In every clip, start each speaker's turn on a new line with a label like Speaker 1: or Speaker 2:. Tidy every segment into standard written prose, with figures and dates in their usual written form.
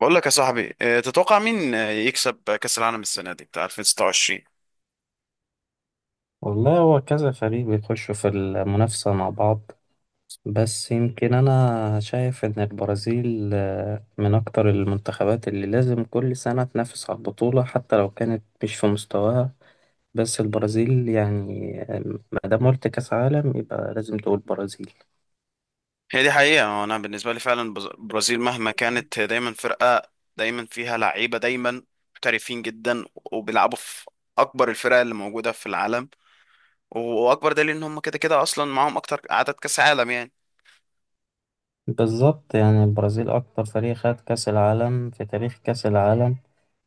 Speaker 1: بقول لك يا صاحبي، تتوقع مين، يكسب كأس العالم السنة دي بتاع 2026؟
Speaker 2: والله هو كذا فريق بيخشوا في المنافسة مع بعض. بس يمكن أنا شايف إن البرازيل من أكتر المنتخبات اللي لازم كل سنة تنافس على البطولة حتى لو كانت مش في مستواها. بس البرازيل ما دام قلت كأس عالم يبقى لازم تقول برازيل.
Speaker 1: هي دي حقيقة، انا بالنسبة لي فعلا البرازيل مهما كانت هي دايما فرقة، دايما فيها لعيبة، دايما محترفين جدا وبيلعبوا في اكبر الفرق اللي موجودة في العالم. واكبر دليل ان هم كده كده اصلا معاهم اكتر عدد كأس عالم يعني.
Speaker 2: بالظبط، يعني البرازيل أكتر فريق خد كأس العالم في تاريخ كأس العالم.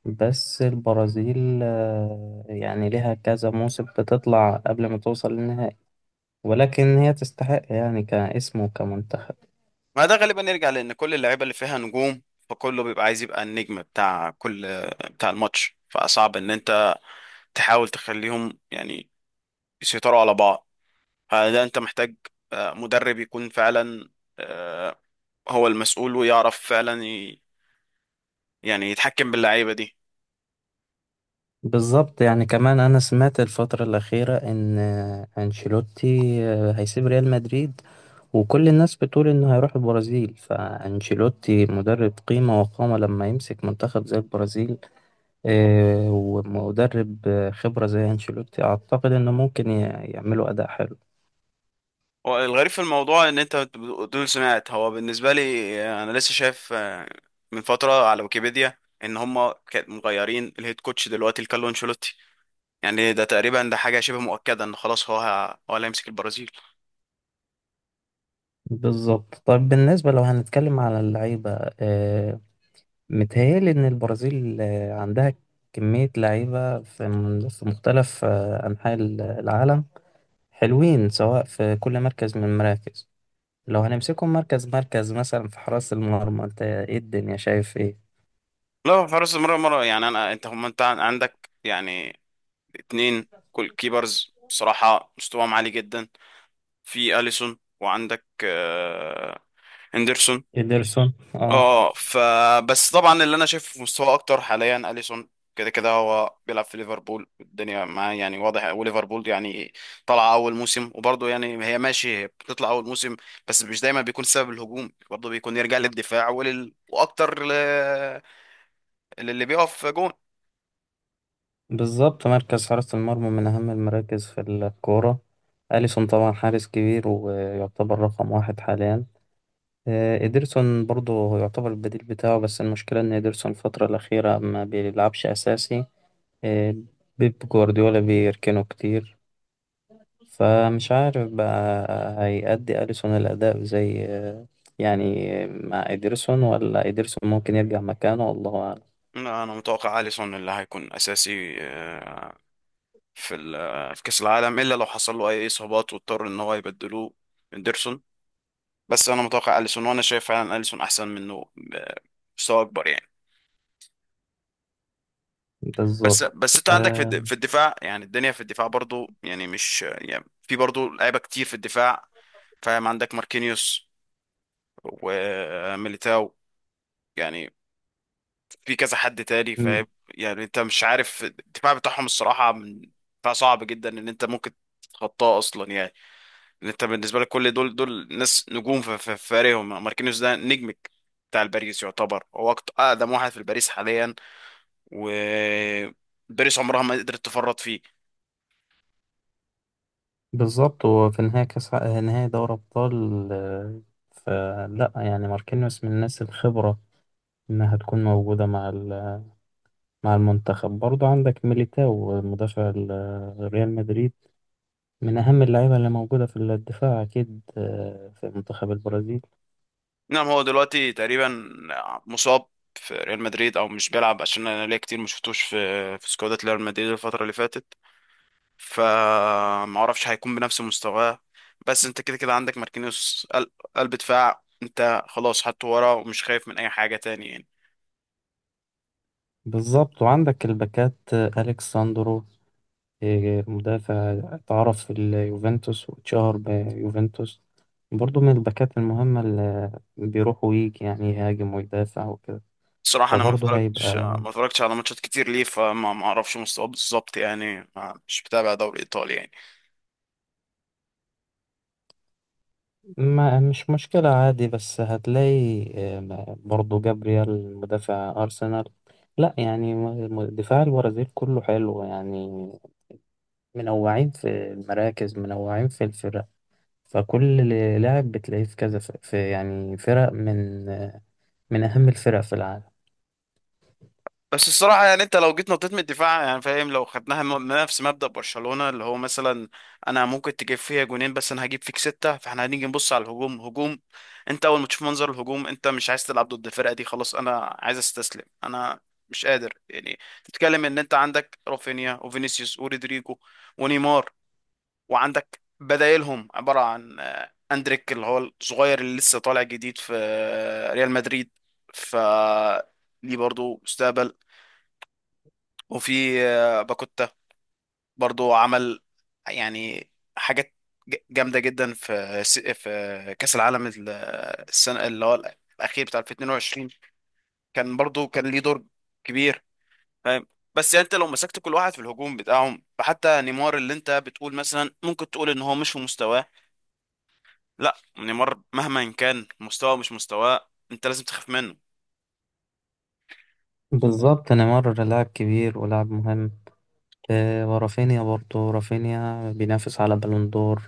Speaker 2: بس البرازيل يعني لها كذا موسم بتطلع قبل ما توصل للنهائي، ولكن هي تستحق يعني كاسم وكمنتخب.
Speaker 1: ما ده غالبا يرجع لان كل اللعيبة اللي فيها نجوم، فكله بيبقى عايز يبقى النجم بتاع الماتش، فصعب ان انت تحاول تخليهم يعني يسيطروا على بعض. فده انت محتاج مدرب يكون فعلا آه، هو المسؤول ويعرف فعلا يعني يتحكم باللعيبه دي.
Speaker 2: بالظبط، يعني كمان أنا سمعت الفترة الأخيرة إن أنشيلوتي هيسيب ريال مدريد، وكل الناس بتقول إنه هيروح البرازيل. فأنشيلوتي مدرب قيمة وقامة لما يمسك منتخب زي البرازيل. ومدرب خبرة زي أنشيلوتي، أعتقد إنه ممكن يعملوا أداء حلو.
Speaker 1: هو الغريب في الموضوع ان انت دول سمعت، هو بالنسبه لي انا لسه شايف من فتره على ويكيبيديا ان هم كانت مغيرين الهيد كوتش دلوقتي لكارلو انشيلوتي. يعني ده تقريبا ده حاجه شبه مؤكده ان خلاص هو اللي هيمسك البرازيل.
Speaker 2: بالظبط. طيب، بالنسبة لو هنتكلم على اللعيبة، آه، متهيألي إن البرازيل عندها كمية لعيبة في مختلف أنحاء العالم، حلوين سواء في كل مركز من المراكز. لو هنمسكهم مركز مركز، مثلا في حراسة المرمى، أنت إيه الدنيا شايف إيه؟
Speaker 1: لا، حراس مرة مرة يعني انا انت هم انت عندك يعني اتنين. كل كيبرز بصراحه مستواهم عالي جدا، في اليسون وعندك هندرسون.
Speaker 2: إيدرسون، اه.
Speaker 1: اه، فبس طبعا اللي انا شايفه في مستواه اكتر حاليا اليسون. كده كده هو بيلعب في ليفربول الدنيا معاه يعني واضح، وليفربول يعني طالعه اول موسم، وبرضه يعني هي ماشي، هي بتطلع اول موسم. بس مش دايما بيكون سبب الهجوم، برضه بيكون يرجع للدفاع واكتر للي بيقف جون.
Speaker 2: بالظبط، مركز حراسة المرمى من أهم المراكز في الكورة. أليسون طبعا حارس كبير ويعتبر رقم واحد حاليا. إيدرسون برضه هو يعتبر البديل بتاعه، بس المشكلة إن إيدرسون الفترة الأخيرة ما بيلعبش أساسي. آه، بيب جوارديولا بيركنه كتير، فمش عارف بقى هيأدي أليسون الأداء زي يعني مع إيدرسون، ولا إيدرسون ممكن يرجع مكانه، والله أعلم.
Speaker 1: انا متوقع اليسون اللي هيكون اساسي في كأس العالم، إلا لو حصل له أي إصابات واضطر إن هو يبدلوه إندرسون. بس أنا متوقع أليسون، وأنا شايف فعلا أليسون أحسن منه بمستوى أكبر يعني. بس
Speaker 2: بالظبط
Speaker 1: بس أنت عندك
Speaker 2: آه،
Speaker 1: في الدفاع يعني الدنيا، في الدفاع برضو يعني مش يعني في برضو لعيبة كتير في الدفاع. فاهم، عندك ماركينيوس وميليتاو يعني، في كذا حد تاني،
Speaker 2: م-
Speaker 1: فاهم يعني، انت مش عارف الدفاع بتاعهم الصراحة، من دفاع صعب جدا ان انت ممكن تتخطاه اصلا يعني. انت بالنسبه لك كل دول ناس نجوم في فريقهم، ماركينيوس ده نجمك بتاع الباريس، يعتبر هو اقدم واحد في الباريس حاليا، و باريس عمرها ما قدرت تفرط فيه.
Speaker 2: بالظبط وفي نهاية نهاية دوري أبطال، فلا يعني ماركينيوس من الناس الخبرة إنها هتكون موجودة مع المنتخب. برضو عندك ميليتاو مدافع ريال مدريد، من أهم اللعيبة اللي موجودة في الدفاع أكيد، في منتخب البرازيل.
Speaker 1: نعم، هو دلوقتي تقريبا مصاب في ريال مدريد او مش بيلعب، عشان انا ليا كتير ما شفتوش في سكوادات ريال مدريد الفتره اللي فاتت. فما اعرفش هيكون بنفس مستواه، بس انت كده كده عندك ماركينيوس قلب دفاع، انت خلاص حطه ورا ومش خايف من اي حاجه تاني.
Speaker 2: بالظبط، وعندك الباكات، أليكس ساندرو، مدافع اتعرف في اليوفنتوس واتشهر بيوفنتوس. برضو من الباكات المهمة اللي بيروح ويجي يعني يهاجم ويدافع وكده.
Speaker 1: صراحة أنا ما
Speaker 2: فبرضه
Speaker 1: اتفرجتش
Speaker 2: هيبقى
Speaker 1: ما اتفرجتش على ماتشات كتير ليه، فما ما أعرفش مستواه بالظبط يعني، ما مش بتابع دوري إيطالي يعني.
Speaker 2: ما مش مشكلة عادي، بس هتلاقي برضو جابريال مدافع أرسنال. لا يعني دفاع البرازيل كله حلو يعني، منوعين في المراكز، منوعين في الفرق. فكل لاعب بتلاقيه في كذا في، يعني، فرق من أهم الفرق في العالم.
Speaker 1: بس الصراحة يعني أنت لو جيت نطيت من الدفاع يعني، فاهم، لو خدناها نفس مبدأ برشلونة اللي هو مثلا، أنا ممكن تجيب فيها جونين، بس أنا هجيب فيك ستة، فإحنا هنيجي نبص على هجوم. أنت أول ما تشوف منظر الهجوم أنت مش عايز تلعب ضد الفرقة دي، خلاص أنا عايز أستسلم، أنا مش قادر يعني. تتكلم إن أنت عندك رافينيا وفينيسيوس ورودريجو ونيمار، وعندك بدايلهم عبارة عن أندريك اللي هو الصغير اللي لسه طالع جديد في ريال مدريد. ف ليه برضه مستقبل، وفي باكوتا برضه عمل يعني حاجات جامدة جدا في في كأس العالم السنة اللي هو الأخير بتاع 2022، كان برضه كان ليه دور كبير، فاهم. بس يعني انت لو مسكت كل واحد في الهجوم بتاعهم، فحتى نيمار اللي انت بتقول مثلا، ممكن تقول ان هو مش في مستواه. لا، نيمار مهما كان مستواه مش مستواه، انت لازم تخاف منه.
Speaker 2: بالظبط، نيمار لاعب كبير ولاعب مهم. ورافينيا، برضو رافينيا بينافس على بالون دور،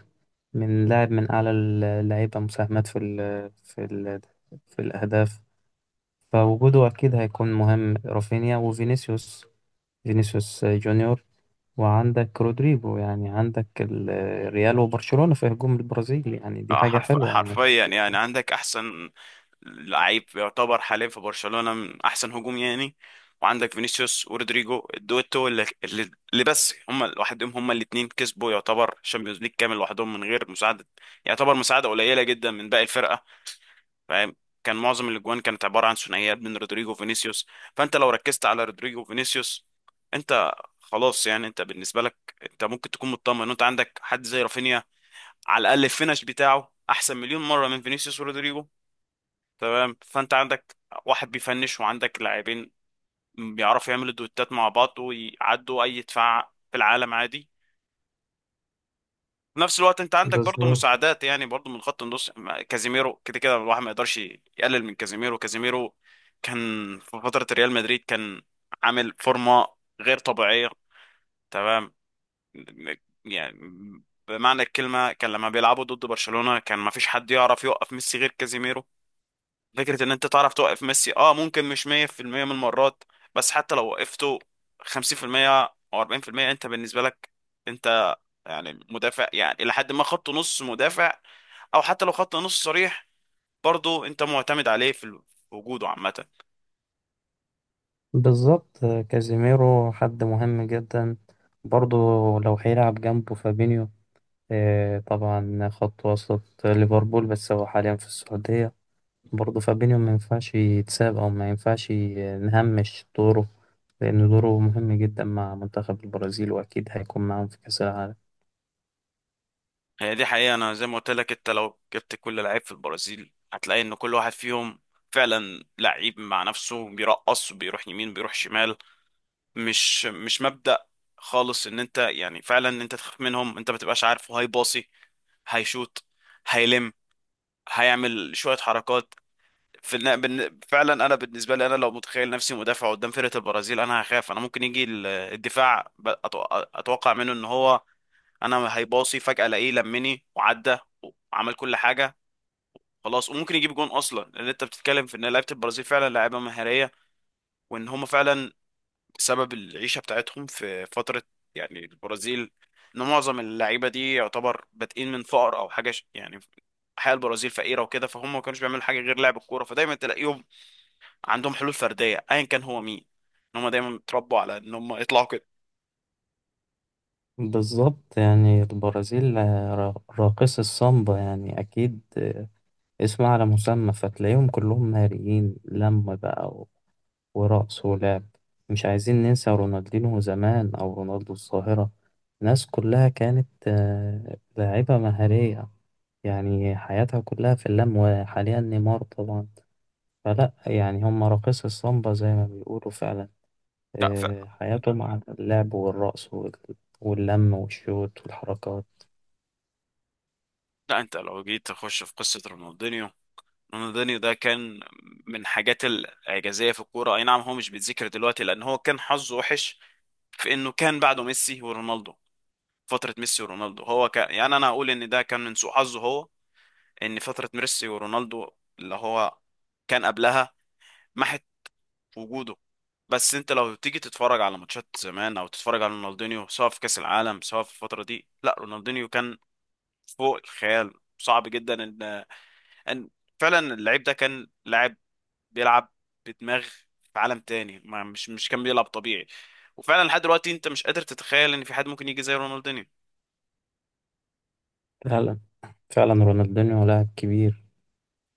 Speaker 2: من لاعب من أعلى اللعيبة مساهمات في الأهداف. فوجوده أكيد هيكون مهم. رافينيا وفينيسيوس، فينيسيوس جونيور، وعندك رودريجو. يعني عندك الريال وبرشلونة في هجوم البرازيل، يعني دي حاجة حلوة إنك.
Speaker 1: حرفيا يعني عندك احسن لعيب يعتبر حاليا في برشلونة، من احسن هجوم يعني. وعندك فينيسيوس ورودريجو الدويتو اللي بس هم لوحدهم، هم الاثنين كسبوا يعتبر الشامبيونز ليج كامل لوحدهم من غير مساعدة، يعتبر مساعدة قليلة جدا من باقي الفرقة، فاهم. كان معظم الاجوان كانت عباره عن ثنائيات بين رودريجو وفينيسيوس. فانت لو ركزت على رودريجو وفينيسيوس، انت خلاص يعني، انت بالنسبه لك انت ممكن تكون مطمن ان انت عندك حد زي رافينيا. على الاقل الفينش بتاعه احسن مليون مره من فينيسيوس ورودريجو، تمام. فانت عندك واحد بيفنش، وعندك لاعبين بيعرفوا يعملوا دوتات مع بعض ويعدوا اي دفاع في العالم عادي. في نفس الوقت انت عندك برضو
Speaker 2: بالظبط.
Speaker 1: مساعدات يعني، برضو من خط النص كازيميرو كده كده الواحد ما يقدرش يقلل من كازيميرو. كازيميرو كان في فترة ريال مدريد كان عامل فورمة غير طبيعية، تمام. يعني بمعنى الكلمة كان لما بيلعبوا ضد برشلونة كان ما فيش حد يعرف يوقف ميسي غير كازيميرو. فكرة ان انت تعرف توقف ميسي، اه ممكن مش 100% من المرات، بس حتى لو وقفته 50% او 40%، انت بالنسبة لك يعني مدافع يعني إلى حد ما خط نص مدافع، أو حتى لو خط نص صريح، برضه أنت معتمد عليه في وجوده عامة.
Speaker 2: بالظبط، كازيميرو حد مهم جدا. برضو لو هيلعب جنبه فابينيو، طبعا خط وسط ليفربول بس هو حاليا في السعودية. برضه فابينيو ما ينفعش يتساب، أو ما ينفعش نهمش دوره، لأن دوره مهم جدا مع منتخب البرازيل، وأكيد هيكون معاهم في كأس العالم.
Speaker 1: هي دي حقيقة، أنا زي ما قلت لك، أنت لو جبت كل لعيب في البرازيل هتلاقي إن كل واحد فيهم فعلا لعيب مع نفسه بيرقص وبيروح يمين وبيروح شمال. مش مبدأ خالص إن أنت يعني فعلا إن أنت تخاف منهم، أنت ما تبقاش عارفه هيباصي، هيشوط، هيلم، هيعمل شوية حركات. فعلا انا بالنسبه لي، انا لو متخيل نفسي مدافع قدام فرقه البرازيل انا هخاف، انا ممكن يجي الدفاع، اتوقع منه ان هو، انا هيباصي فجاه الاقيه لمني وعدى وعمل كل حاجه. خلاص، وممكن يجيب جون اصلا، لان انت بتتكلم في ان لعيبه البرازيل فعلا لعيبه مهاريه، وان هم فعلا سبب العيشه بتاعتهم في فتره يعني البرازيل، ان معظم اللعيبه دي يعتبر بادئين من فقر او حاجه، يعني حياة البرازيل فقيرة وكده، فهم ما كانوش بيعملوا حاجة غير لعب الكورة، فدايما تلاقيهم عندهم حلول فرديه ايا كان هو مين، ان هم دايما اتربوا على ان هم يطلعوا كده.
Speaker 2: بالظبط، يعني البرازيل راقص السامبا، يعني أكيد، اسم على مسمى. فتلاقيهم كلهم ناريين لم بقى ورقص ولعب. مش عايزين ننسى رونالدينو زمان، أو رونالدو الظاهرة، ناس كلها كانت لاعبة مهارية، يعني حياتها كلها في اللم، وحاليا نيمار طبعا. فلا يعني هم راقصي السامبا زي ما بيقولوا فعلا،
Speaker 1: لا فعلا.
Speaker 2: حياتهم على اللعب والرقص واللم والشوت والحركات.
Speaker 1: لا، انت لو جيت تخش في قصه رونالدينيو، رونالدينيو ده كان من الحاجات الاعجازيه في الكوره. اي نعم هو مش بيتذكر دلوقتي لان هو كان حظه وحش في انه كان بعده ميسي ورونالدو. فتره ميسي ورونالدو هو كان يعني، انا اقول ان ده كان من سوء حظه هو، ان فتره ميسي ورونالدو اللي هو كان قبلها ما في وجوده. بس انت لو تيجي تتفرج على ماتشات زمان او تتفرج على رونالدينيو، سواء في كاس العالم سواء في الفتره دي، لا رونالدينيو كان فوق الخيال. صعب جدا ان فعلا اللعيب ده كان لاعب بيلعب بدماغ في عالم تاني، ما مش كان بيلعب طبيعي. وفعلا لحد دلوقتي انت مش قادر تتخيل ان في حد ممكن يجي زي رونالدينيو.
Speaker 2: فعلا، فعلا رونالدينيو لاعب كبير.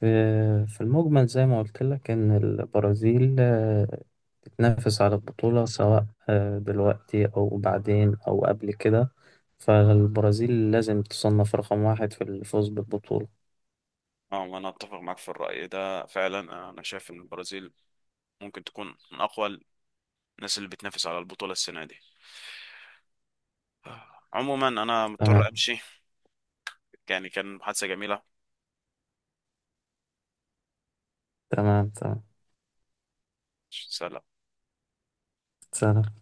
Speaker 2: في المجمل، زي ما قلت لك، إن البرازيل تنافس على البطولة، سواء دلوقتي أو بعدين أو قبل كده. فالبرازيل لازم تصنف رقم واحد في الفوز بالبطولة.
Speaker 1: اه، وانا اتفق معاك في الرأي ده فعلا. انا شايف ان البرازيل ممكن تكون من اقوى الناس اللي بتنافس على البطولة السنة دي. عموما انا مضطر
Speaker 2: تمام،
Speaker 1: امشي، يعني كان محادثة جميلة.
Speaker 2: تمام، تمام.
Speaker 1: سلام.
Speaker 2: سلام.